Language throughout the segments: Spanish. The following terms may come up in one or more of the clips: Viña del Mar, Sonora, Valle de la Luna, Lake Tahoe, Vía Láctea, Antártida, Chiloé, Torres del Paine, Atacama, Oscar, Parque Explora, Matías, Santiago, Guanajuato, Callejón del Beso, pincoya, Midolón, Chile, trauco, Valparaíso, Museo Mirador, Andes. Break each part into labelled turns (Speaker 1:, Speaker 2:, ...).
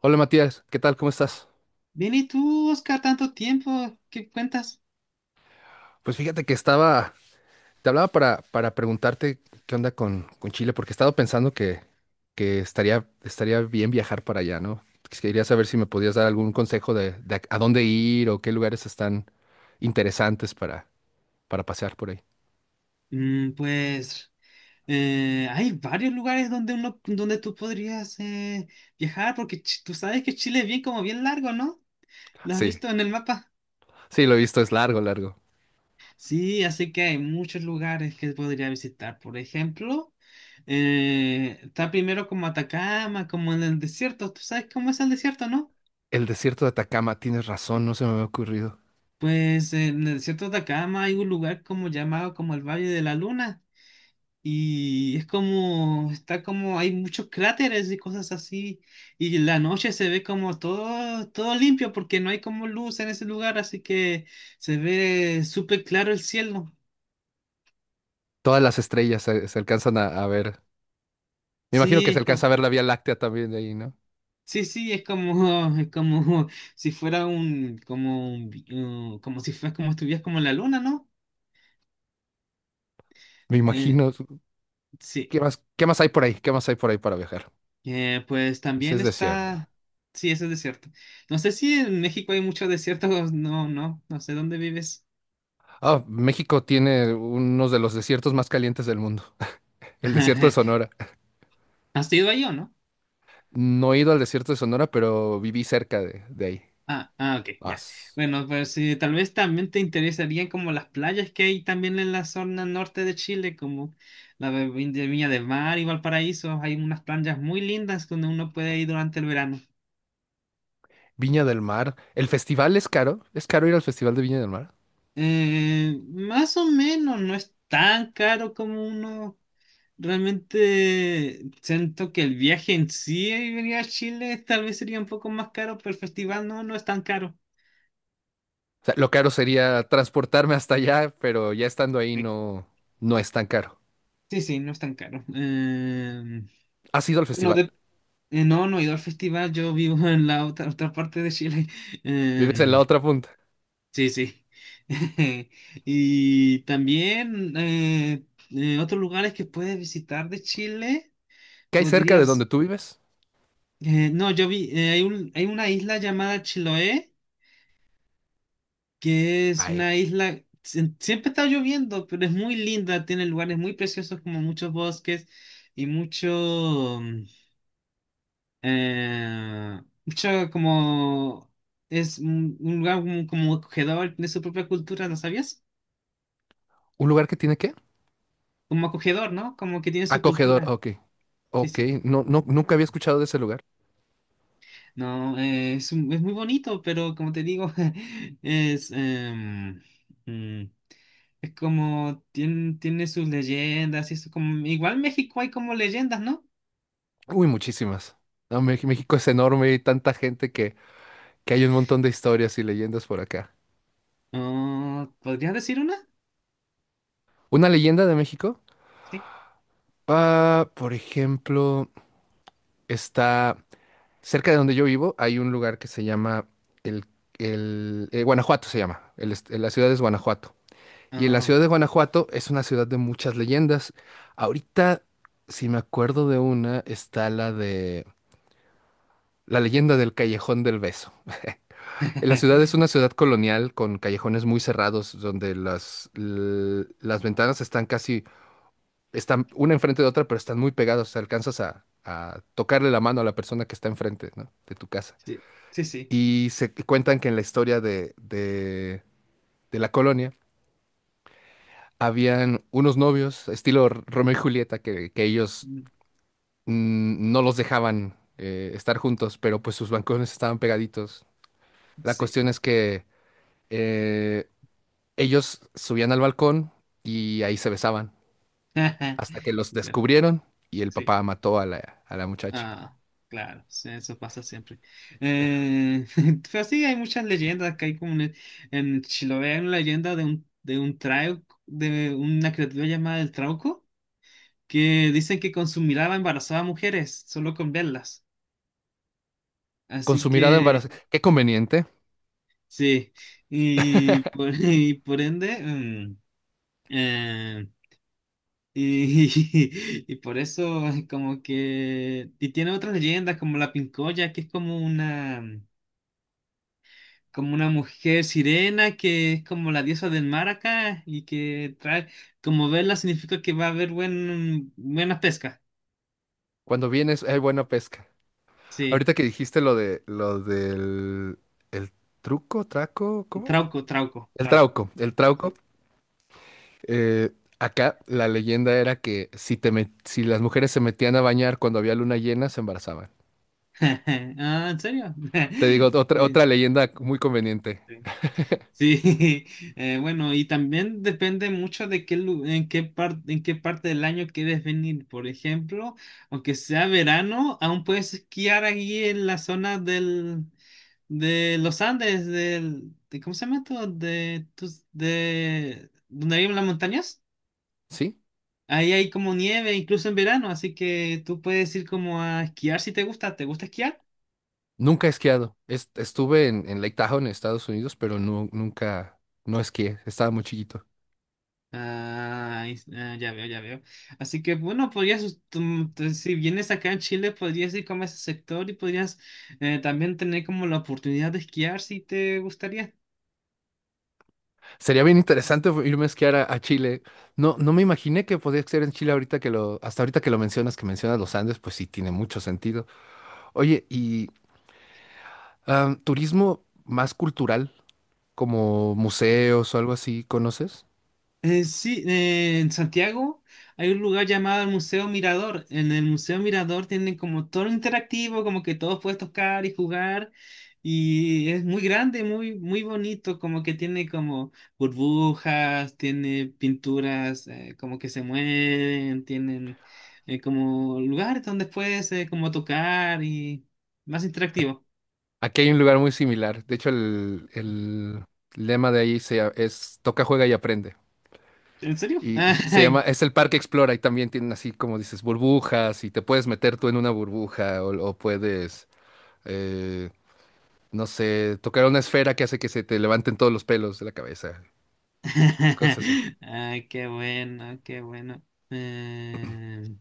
Speaker 1: Hola Matías, ¿qué tal? ¿Cómo estás?
Speaker 2: Bien, ¿y tú, Oscar, tanto tiempo? ¿Qué cuentas?
Speaker 1: Pues fíjate que estaba, te hablaba para preguntarte qué onda con Chile, porque he estado pensando que estaría bien viajar para allá, ¿no? Quería saber si me podías dar algún consejo de a dónde ir o qué lugares están interesantes para pasear por ahí.
Speaker 2: Mm, pues hay varios lugares donde donde tú podrías viajar, porque tú sabes que Chile es bien largo, ¿no? ¿Lo has
Speaker 1: Sí,
Speaker 2: visto en el mapa?
Speaker 1: sí, lo he visto, es largo, largo.
Speaker 2: Sí, así que hay muchos lugares que podría visitar. Por ejemplo, está primero como Atacama, como en el desierto. ¿Tú sabes cómo es el desierto, no?
Speaker 1: El desierto de Atacama, tienes razón, no se me había ocurrido.
Speaker 2: Pues en el desierto de Atacama hay un lugar como llamado como el Valle de la Luna. Y es está como, hay muchos cráteres y cosas así. Y en la noche se ve como todo limpio porque no hay como luz en ese lugar, así que se ve súper claro el cielo.
Speaker 1: Todas las estrellas se alcanzan a ver. Me imagino que
Speaker 2: Sí,
Speaker 1: se
Speaker 2: es
Speaker 1: alcanza
Speaker 2: co-
Speaker 1: a ver la Vía Láctea también de ahí, ¿no?
Speaker 2: sí, sí, es como, es como si fuera un como si fuera como estuvieras como en la luna, ¿no?
Speaker 1: Me
Speaker 2: Eh,
Speaker 1: imagino.
Speaker 2: sí.
Speaker 1: Qué más hay por ahí? ¿Qué más hay por ahí para viajar?
Speaker 2: Pues
Speaker 1: Ese
Speaker 2: también
Speaker 1: es desierto.
Speaker 2: está, sí, ese desierto. No sé si en México hay muchos desiertos, no, no, no sé dónde vives.
Speaker 1: Ah, México tiene unos de los desiertos más calientes del mundo, el desierto de Sonora.
Speaker 2: ¿Has ido ahí o no?
Speaker 1: No he ido al desierto de Sonora, pero viví cerca de ahí.
Speaker 2: Ah, ah, ok,
Speaker 1: Ah,
Speaker 2: ya.
Speaker 1: s-
Speaker 2: Bueno, pues sí, tal vez también te interesarían como las playas que hay también en la zona norte de Chile, como la de de Viña del Mar y Valparaíso. Hay unas playas muy lindas donde uno puede ir durante el verano.
Speaker 1: Viña del Mar. ¿El festival es caro? ¿Es caro ir al festival de Viña del Mar?
Speaker 2: Más o menos, no es tan caro como uno. Realmente siento que el viaje en sí y venir a Chile tal vez sería un poco más caro, pero el festival no, no es tan caro.
Speaker 1: O sea, lo caro sería transportarme hasta allá, pero ya estando ahí
Speaker 2: Sí,
Speaker 1: no, no es tan caro.
Speaker 2: sí, sí, no es tan caro.
Speaker 1: ¿Has ido al
Speaker 2: Bueno,
Speaker 1: festival?
Speaker 2: No, no he ido al festival, yo vivo en la otra parte de Chile.
Speaker 1: ¿Vives en la
Speaker 2: Em,
Speaker 1: otra punta?
Speaker 2: sí, sí. Y también otros lugares que puedes visitar de Chile,
Speaker 1: ¿Qué hay cerca de donde
Speaker 2: podrías...
Speaker 1: tú vives?
Speaker 2: no, yo vi, hay hay una isla llamada Chiloé, que es
Speaker 1: Hay
Speaker 2: una isla, siempre está lloviendo, pero es muy linda, tiene lugares muy preciosos como muchos bosques y mucho... mucho como es un lugar como acogedor, tiene su propia cultura, ¿no sabías?
Speaker 1: un lugar que tiene ¿qué?
Speaker 2: Como acogedor, ¿no? Como que tiene su
Speaker 1: Acogedor,
Speaker 2: cultura.
Speaker 1: ok.
Speaker 2: Sí,
Speaker 1: Ok,
Speaker 2: sí.
Speaker 1: no, no, nunca había escuchado de ese lugar.
Speaker 2: No, es, es muy bonito, pero como te digo, es, mm, es como tiene sus leyendas y eso como igual en México hay como leyendas, ¿no?
Speaker 1: Uy, muchísimas. No, México es enorme y tanta gente que hay un montón de historias y leyendas por acá.
Speaker 2: Ah, ¿podrías decir una?
Speaker 1: ¿Una leyenda de México?
Speaker 2: Sí.
Speaker 1: Ah, por ejemplo, está cerca de donde yo vivo, hay un lugar que se llama el, el Guanajuato se llama. La ciudad es Guanajuato. Y en la
Speaker 2: Ah,
Speaker 1: ciudad de Guanajuato es una ciudad de muchas leyendas. Ahorita, si me acuerdo de una, está la de la leyenda del Callejón del Beso. La ciudad es una ciudad colonial con callejones muy cerrados donde las ventanas están casi, están una enfrente de otra, pero están muy pegadas. O sea, alcanzas a tocarle la mano a la persona que está enfrente, ¿no?, de tu casa.
Speaker 2: sí, sí, sí.
Speaker 1: Y se cuentan que en la historia de la colonia habían unos novios, estilo Romeo y Julieta, que ellos
Speaker 2: Mm,
Speaker 1: no los dejaban estar juntos, pero pues sus balcones estaban pegaditos. La
Speaker 2: sí.
Speaker 1: cuestión es que eh, ellos subían al balcón y ahí se besaban, hasta que los
Speaker 2: Claro,
Speaker 1: descubrieron y el
Speaker 2: sí.
Speaker 1: papá mató a la muchacha.
Speaker 2: Ah, claro, sí, eso pasa siempre. Eh, pero sí, hay muchas leyendas que hay como en Chiloé, hay una leyenda de de un trauco, de una criatura llamada el trauco, que dicen que con su mirada embarazaba a mujeres, solo con verlas.
Speaker 1: Con
Speaker 2: Así
Speaker 1: su mirada
Speaker 2: que,
Speaker 1: embarazada. Qué conveniente.
Speaker 2: sí, y y por ende, mm, eh, y, y por eso y tiene otras leyendas como la pincoya, que es como una mujer sirena que es como la diosa del mar acá y que trae, como verla significa que va a haber buena pesca.
Speaker 1: Cuando vienes hay buena pesca.
Speaker 2: Sí,
Speaker 1: Ahorita que dijiste lo de lo del el truco, traco, ¿cómo?
Speaker 2: trauco, trauco,
Speaker 1: El
Speaker 2: trauco.
Speaker 1: trauco, el trauco.
Speaker 2: Sí.
Speaker 1: Eh, acá la leyenda era que si las mujeres se metían a bañar cuando había luna llena, se embarazaban.
Speaker 2: Ah, ¿en serio?
Speaker 1: Te digo otra leyenda muy conveniente.
Speaker 2: Sí. Sí, bueno, y también depende mucho de en qué en qué parte del año quieres venir. Por ejemplo, aunque sea verano, aún puedes esquiar aquí en la zona de los Andes, ¿cómo se llama esto? Donde viven las montañas.
Speaker 1: ¿Sí?
Speaker 2: Ahí hay como nieve, incluso en verano, así que tú puedes ir como a esquiar si te gusta. ¿Te gusta esquiar?
Speaker 1: Nunca he esquiado. Estuve en Lake Tahoe, en Estados Unidos, pero no, nunca, no esquié. Estaba muy chiquito.
Speaker 2: Ah, ah, ya veo, ya veo. Así que bueno, podrías, us- tum- tu- si vienes acá en Chile, podrías ir como a ese sector y podrías también tener como la oportunidad de esquiar si te gustaría.
Speaker 1: Sería bien interesante irme a esquiar a Chile. No, no me imaginé que podía ser en Chile ahorita que lo, hasta ahorita que lo mencionas, que mencionas los Andes, pues sí, tiene mucho sentido. Oye, y ah, turismo más cultural, como museos o algo así, ¿conoces?
Speaker 2: Sí, en Santiago hay un lugar llamado el Museo Mirador. En el Museo Mirador tienen como todo lo interactivo, como que todos puedes tocar y jugar. Y es muy grande, muy bonito, como que tiene como burbujas, tiene pinturas como que se mueven, tienen como lugares donde puedes como tocar y más interactivo.
Speaker 1: Aquí hay un lugar muy similar. De hecho, el lema de ahí es toca, juega y aprende.
Speaker 2: ¿En serio?
Speaker 1: Y se llama, es el Parque Explora y también tienen así como dices burbujas y te puedes meter tú en una burbuja o puedes, eh, no sé, tocar una esfera que hace que se te levanten todos los pelos de la cabeza, cosas así.
Speaker 2: Ay, qué bueno, qué bueno. Eh,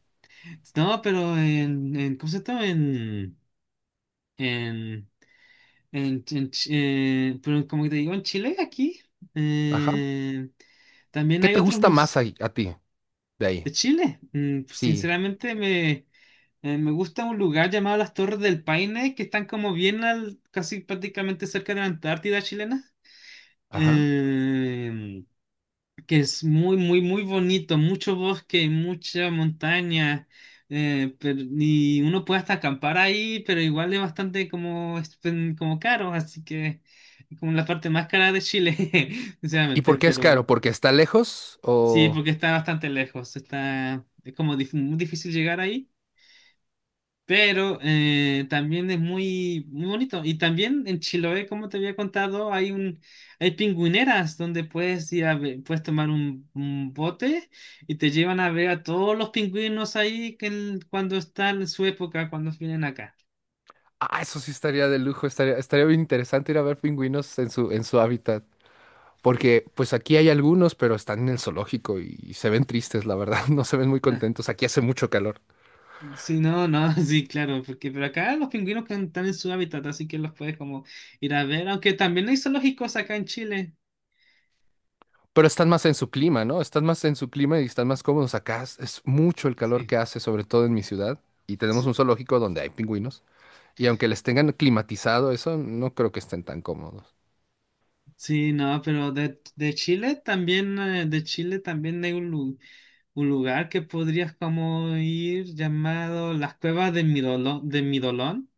Speaker 2: no, pero en ¿cómo se llama? En, en pero como te digo, en Chile, aquí,
Speaker 1: Ajá.
Speaker 2: eh, también
Speaker 1: ¿Qué
Speaker 2: hay
Speaker 1: te
Speaker 2: otros
Speaker 1: gusta más
Speaker 2: museos
Speaker 1: ahí a ti de ahí?
Speaker 2: de Chile. Mm, pues,
Speaker 1: Sí.
Speaker 2: sinceramente, me gusta un lugar llamado las Torres del Paine, que están como bien al, casi prácticamente cerca de la Antártida chilena.
Speaker 1: Ajá.
Speaker 2: Eh, que es muy, muy, muy bonito, mucho bosque, mucha montaña, y uno puede hasta acampar ahí, pero igual es bastante como caro, así que es como la parte más cara de Chile,
Speaker 1: ¿Y por
Speaker 2: sinceramente,
Speaker 1: qué es caro?
Speaker 2: pero
Speaker 1: ¿Porque está lejos
Speaker 2: sí,
Speaker 1: o...?
Speaker 2: porque está bastante lejos, es como muy difícil llegar ahí. Pero también es muy, muy bonito. Y también en Chiloé, como te había contado, hay hay pingüineras donde puedes puedes tomar un bote y te llevan a ver a todos los pingüinos ahí que cuando están en su época, cuando vienen acá.
Speaker 1: Ah, eso sí estaría de lujo, estaría, estaría bien interesante ir a ver pingüinos en su hábitat. Porque pues aquí hay algunos, pero están en el zoológico y se ven tristes, la verdad, no se ven muy
Speaker 2: No,
Speaker 1: contentos. Aquí hace mucho calor,
Speaker 2: sí, no, no, sí, claro, porque pero acá los pingüinos que están en su hábitat, así que los puedes como ir a ver, aunque también hay zoológicos acá en Chile.
Speaker 1: pero están más en su clima, ¿no? Están más en su clima y están más cómodos. Acá es mucho el calor
Speaker 2: Sí,
Speaker 1: que hace, sobre todo en mi ciudad. Y tenemos un
Speaker 2: sí,
Speaker 1: zoológico donde hay pingüinos. Y aunque les tengan climatizado eso, no creo que estén tan cómodos.
Speaker 2: sí, no, pero de Chile también hay un lugar. Un lugar que podrías como ir llamado las cuevas de midolo de Midolón,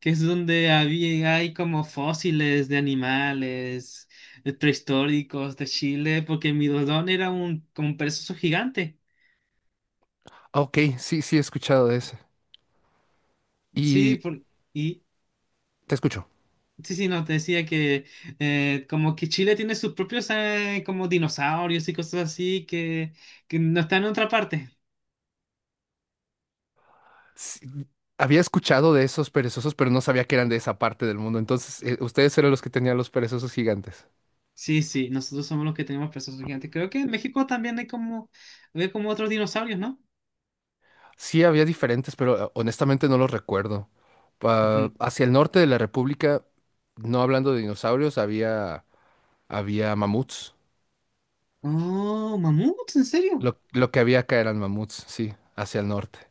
Speaker 2: que es donde hay como fósiles de animales prehistóricos de Chile, porque Midolón era como un perezoso gigante.
Speaker 1: Ah, ok, sí, sí, he escuchado de ese.
Speaker 2: Sí,
Speaker 1: Y
Speaker 2: y
Speaker 1: te escucho.
Speaker 2: sí, sí, no, te decía que como que Chile tiene sus propios como dinosaurios y cosas así que no están en otra parte.
Speaker 1: Sí, había escuchado de esos perezosos, pero no sabía que eran de esa parte del mundo. Entonces, ustedes eran los que tenían los perezosos gigantes.
Speaker 2: Sí, sí, nosotros somos los que tenemos pesos gigantes. Creo que en México también hay como otros dinosaurios, ¿no?
Speaker 1: Sí, había diferentes, pero honestamente no los recuerdo.
Speaker 2: Ujú.
Speaker 1: Hacia el norte de la República, no hablando de dinosaurios, había, había mamuts.
Speaker 2: Oh, mamuts, ¿en serio?
Speaker 1: Lo que había acá eran mamuts, sí, hacia el norte.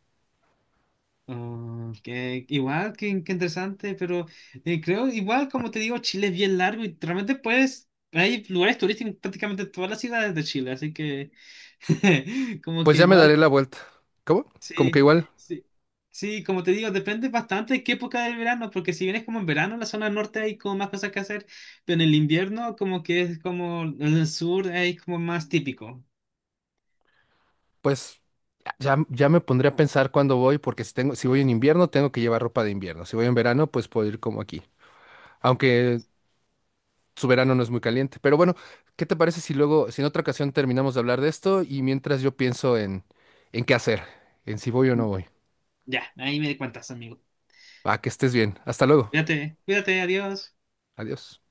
Speaker 2: Oh, igual, que interesante, pero creo, igual, como te digo, Chile es bien largo y realmente puedes, hay lugares turísticos en prácticamente todas las ciudades de Chile, así que como
Speaker 1: Pues
Speaker 2: que
Speaker 1: ya me daré
Speaker 2: igual.
Speaker 1: la vuelta. ¿Cómo? Como que
Speaker 2: Sí,
Speaker 1: igual,
Speaker 2: sí, sí, como te digo, depende bastante de qué época del verano, porque si vienes como en verano, en la zona norte hay como más cosas que hacer, pero en el invierno como que es como en el sur hay como más típico.
Speaker 1: pues ya me pondré a pensar cuándo voy, porque si tengo, si voy en invierno, tengo que llevar ropa de invierno. Si voy en verano, pues puedo ir como aquí. Aunque su verano no es muy caliente. Pero bueno, ¿qué te parece si luego, si en otra ocasión terminamos de hablar de esto y mientras yo pienso en qué hacer, en si voy o no voy?
Speaker 2: Ya, ahí me cuentas, amigo.
Speaker 1: Va, que estés bien. Hasta luego.
Speaker 2: Cuídate, cuídate, adiós.
Speaker 1: Adiós.